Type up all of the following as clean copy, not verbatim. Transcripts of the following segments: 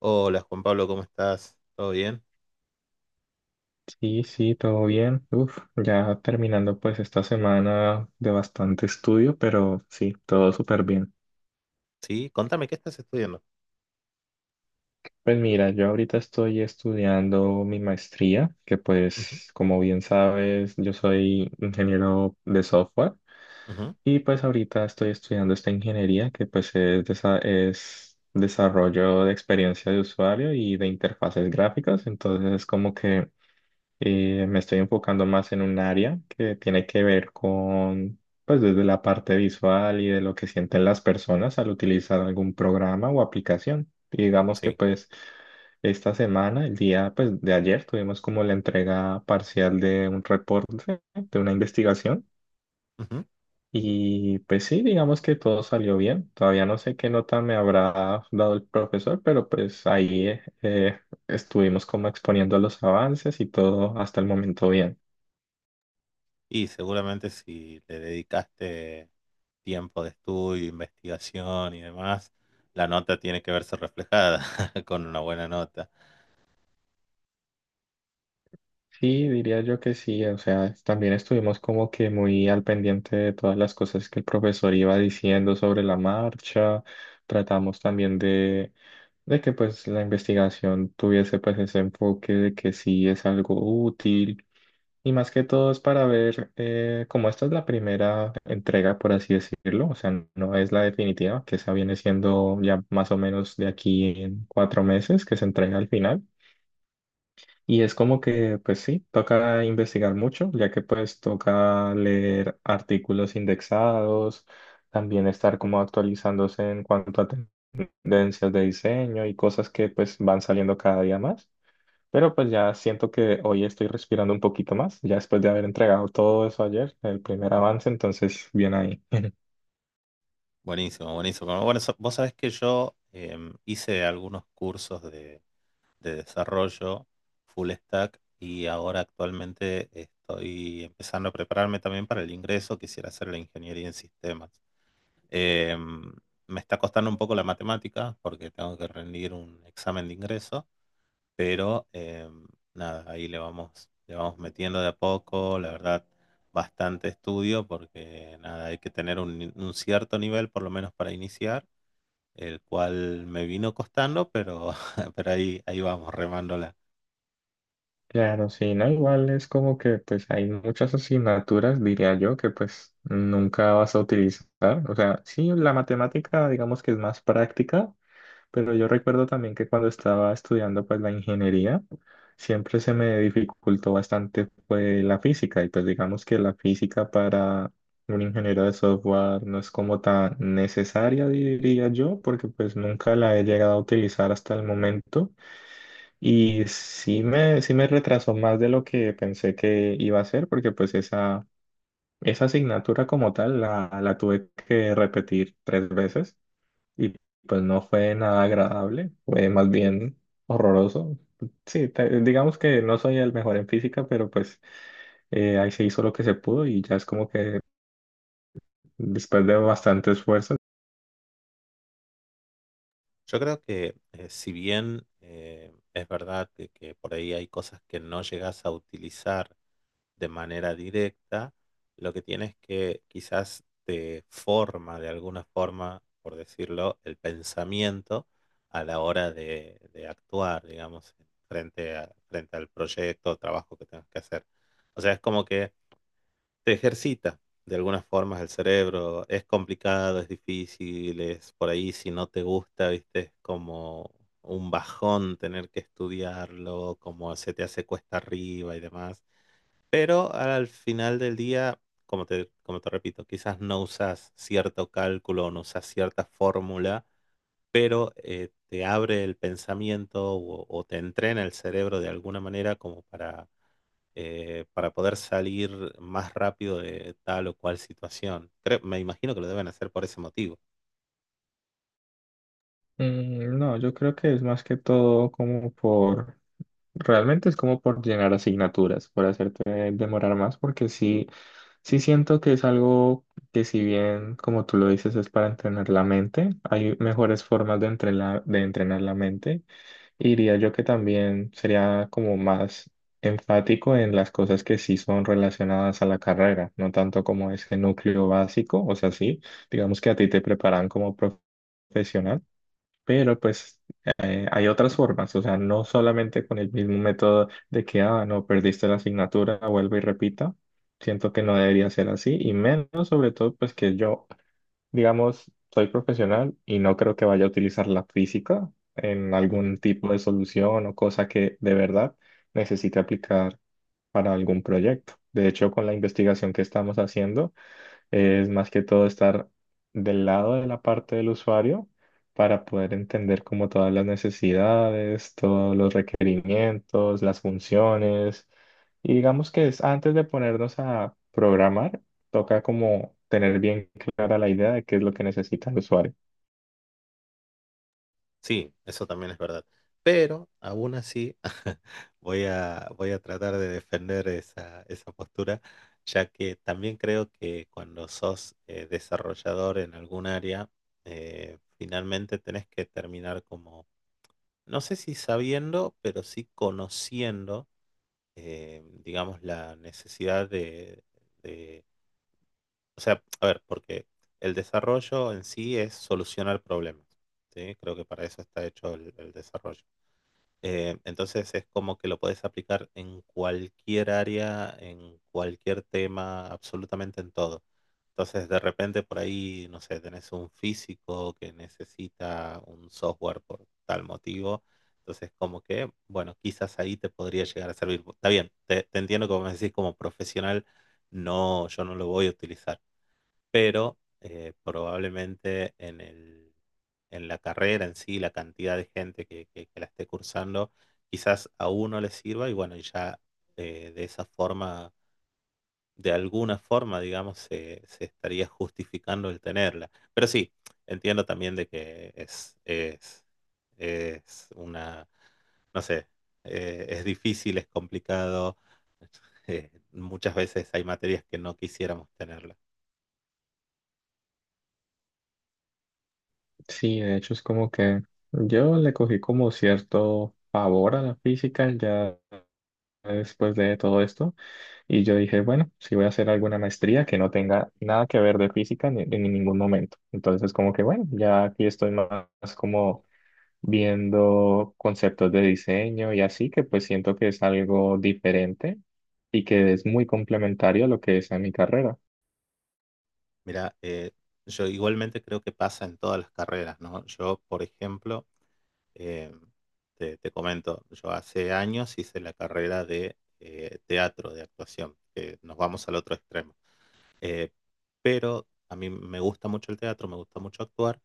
Hola Juan Pablo, ¿cómo estás? ¿Todo bien? Sí, sí, todo bien. Uf, ya terminando pues esta semana de bastante estudio, pero sí, todo súper bien. Sí, contame, ¿qué estás estudiando? Pues mira, yo ahorita estoy estudiando mi maestría, que Ujú, pues como bien sabes, yo soy ingeniero de software ujú, y pues ahorita estoy estudiando esta ingeniería que pues es desarrollo de experiencia de usuario y de interfaces gráficas, entonces es como que... Me estoy enfocando más en un área que tiene que ver con, pues desde la parte visual y de lo que sienten las personas al utilizar algún programa o aplicación. Y digamos que sí. pues esta semana, el día pues de ayer, tuvimos como la entrega parcial de un reporte, de una investigación. Ujú. Y pues sí, digamos que todo salió bien. Todavía no sé qué nota me habrá dado el profesor, pero pues ahí estuvimos como exponiendo los avances y todo hasta el momento bien. Y seguramente si le dedicaste tiempo de estudio, investigación y demás, la nota tiene que verse reflejada con una buena nota. Sí, diría yo que sí, o sea, también estuvimos como que muy al pendiente de todas las cosas que el profesor iba diciendo sobre la marcha, tratamos también de que pues la investigación tuviese pues ese enfoque de que sí es algo útil y más que todo es para ver como esta es la primera entrega, por así decirlo, o sea, no es la definitiva, que esa viene siendo ya más o menos de aquí en 4 meses que se entrega al final. Y es como que, pues sí, toca investigar mucho, ya que pues toca leer artículos indexados, también estar como actualizándose en cuanto a tendencias de diseño y cosas que pues van saliendo cada día más. Pero pues ya siento que hoy estoy respirando un poquito más, ya después de haber entregado todo eso ayer, el primer avance, entonces bien ahí. Buenísimo, buenísimo. Bueno, vos sabés que yo hice algunos cursos de desarrollo full stack y ahora actualmente estoy empezando a prepararme también para el ingreso. Quisiera hacer la ingeniería en sistemas. Eh, Me está costando un poco la matemática porque tengo que rendir un examen de ingreso, pero nada, ahí le vamos metiendo de a poco, la verdad, bastante estudio porque nada, hay que tener un, ni- un cierto nivel por lo menos para iniciar, el cual me vino costando, pero, pero ahí, ahí vamos remándola. Claro, sí, no, igual es como que pues hay muchas asignaturas, diría yo, que pues nunca vas a utilizar. O sea, sí, la matemática digamos que es más práctica, pero yo recuerdo también que cuando estaba estudiando pues la ingeniería, siempre se me dificultó bastante pues la física y pues digamos que la física para un ingeniero de software no es como tan necesaria, diría yo, porque pues nunca la he llegado a utilizar hasta el momento. Y sí me retrasó más de lo que pensé que iba a hacer, porque pues esa asignatura como tal la tuve que repetir 3 veces y pues no fue nada agradable, fue más bien horroroso. Sí, digamos que no soy el mejor en física, pero pues ahí se hizo lo que se pudo y ya es como que después de bastante esfuerzo. Yo creo que si bien es verdad que por ahí hay cosas que no llegas a utilizar, de manera directa, lo que tiene es que quizás te forma de alguna forma, por decirlo, el pensamiento a la hora de actuar, digamos, frente al proyecto o trabajo que tengas que hacer. O sea, es como que te ejercita de alguna forma el cerebro. Es complicado, es difícil, es por ahí si no te gusta, viste, es como un bajón tener que estudiarlo, como se te hace cuesta arriba y demás. Pero al final del día, como te repito, quizás no usas cierto cálculo, no usas cierta fórmula, pero te abre el pensamiento o te entrena el cerebro de alguna manera como para poder salir más rápido de tal o cual situación. Me imagino que lo deben hacer por ese motivo. Mm, no, yo creo que es más que todo como por... Realmente es como por llenar asignaturas, por hacerte demorar más, porque sí, sí siento que es algo que si bien, como tú lo dices, es para entrenar la mente, hay mejores formas de entrenar la mente. Y diría yo que también sería como más enfático en las cosas que sí son relacionadas a la carrera, no tanto como ese núcleo básico, o sea, sí, digamos que a ti te preparan como profesional pero pues hay otras formas, o sea, no solamente con el mismo método de que, ah, no, perdiste la asignatura, vuelve y repita. Siento que no debería ser así y menos sobre todo pues que yo, digamos, soy profesional y no creo que vaya a utilizar la física en Ujú. algún tipo de solución o cosa que de verdad necesite aplicar para algún proyecto. De hecho, con la investigación que estamos haciendo, es más que todo estar del lado de la parte del usuario para poder entender como todas las necesidades, todos los requerimientos, las funciones. Y digamos que es antes de ponernos a programar, toca como tener bien clara la idea de qué es lo que necesita el usuario. Sí, eso también es verdad. Pero aún así voy a tratar de defender esa postura, ya que también creo que cuando sos desarrollador en algún área, finalmente tenés que terminar como, no sé si sabiendo, pero sí conociendo, digamos, la necesidad de- o sea, a ver, porque el desarrollo en sí es solucionar problemas, ¿sí? Creo que para eso está hecho el desarrollo. Entonces es como que lo puedes aplicar en cualquier área, en cualquier tema, absolutamente en todo. Entonces de repente por ahí, no sé, tenés un físico que necesita un software por tal motivo. Entonces como que, bueno, quizás ahí te podría llegar a servir. Está bien, te entiendo como me decís como profesional, no, yo no lo voy a utilizar pero probablemente en en la carrera en sí, la cantidad de gente que la esté cursando, quizás a uno le sirva y bueno, y ya de esa forma, de alguna forma, digamos, se estaría justificando el tenerla. Pero sí, entiendo también de que es una, no sé, es difícil, es complicado. Muchas veces hay materias que no quisiéramos tenerlas. Sí, de hecho es como que yo le cogí como cierto favor a la física ya después de todo esto. Y yo dije, bueno, si voy a hacer alguna maestría que no tenga nada que ver de física ni, en ningún momento. Entonces, como que bueno, ya aquí estoy más como viendo conceptos de diseño y así, que pues siento que es algo diferente y que es muy complementario a lo que es a mi carrera. Mira, yo igualmente creo que pasa en todas las carreras, ¿no? Yo, por ejemplo, eh, te comento, yo hace años hice la carrera de teatro, de actuación, que nos vamos al otro extremo. Eh, pero a mí me gusta mucho el teatro, me gusta mucho actuar,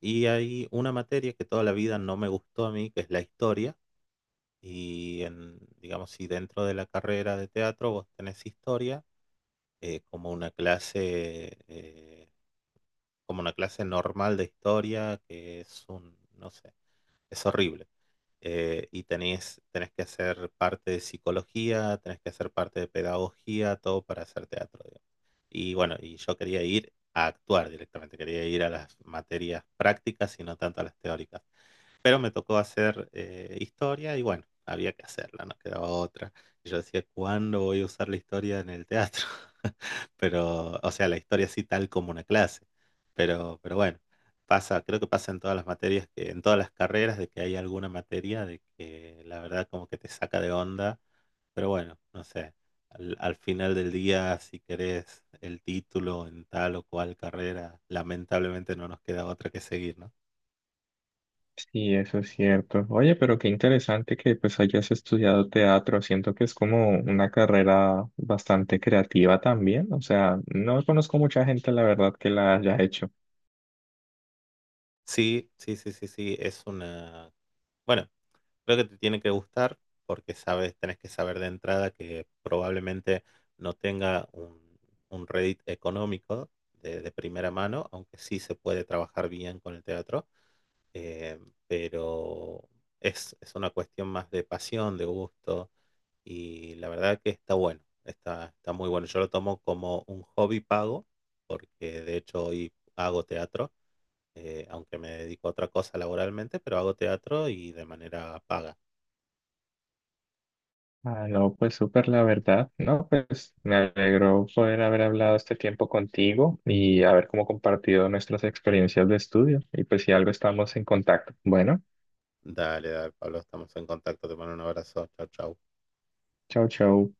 y hay una materia que toda la vida no me gustó a mí, que es la historia, digamos, si dentro de la carrera de teatro vos tenés historia, como una clase, como una clase normal de historia, que es un, no sé, es horrible. Tenés que hacer parte de psicología, tenés que hacer parte de pedagogía, todo para hacer teatro, digamos. Y bueno, y yo quería ir a actuar directamente, quería ir a las materias prácticas y no tanto a las teóricas. Pero me tocó hacer historia y bueno, había que hacerla, no quedaba otra. Y yo decía, ¿cuándo voy a usar la historia en el teatro? Pero, o sea, la historia así tal como una clase. Pero bueno, pasa, creo que pasa en todas las materias, que, en todas las carreras, de que hay alguna materia de que la verdad como que te saca de onda. Pero bueno, no sé, al final del día, si querés el título en tal o cual carrera, lamentablemente no nos queda otra que seguir, ¿no? Sí, eso es cierto. Oye, pero qué interesante que pues hayas estudiado teatro. Siento que es como una carrera bastante creativa también. O sea, no conozco mucha gente, la verdad, que la haya hecho. Sí, sí, sí, sí, sí, es una... Bueno, creo que te tiene que gustar porque sabes, tenés que saber de entrada que probablemente no tenga un Reddit económico de primera mano, aunque sí se puede trabajar bien con el teatro, eh, pero es una cuestión más de pasión, de gusto, y la verdad que está bueno, está muy bueno. Yo lo tomo como un hobby pago, porque de hecho hoy hago teatro aunque me dedico a otra cosa laboralmente, pero hago teatro y de manera paga. Ah, no, pues súper la verdad, ¿no? Pues me alegró poder haber hablado este tiempo contigo y haber como compartido nuestras experiencias de estudio. Y pues si algo estamos en contacto. Bueno, Dale, dale, Pablo, estamos en contacto. Te mando un abrazo. Chau, chau. chau, chau.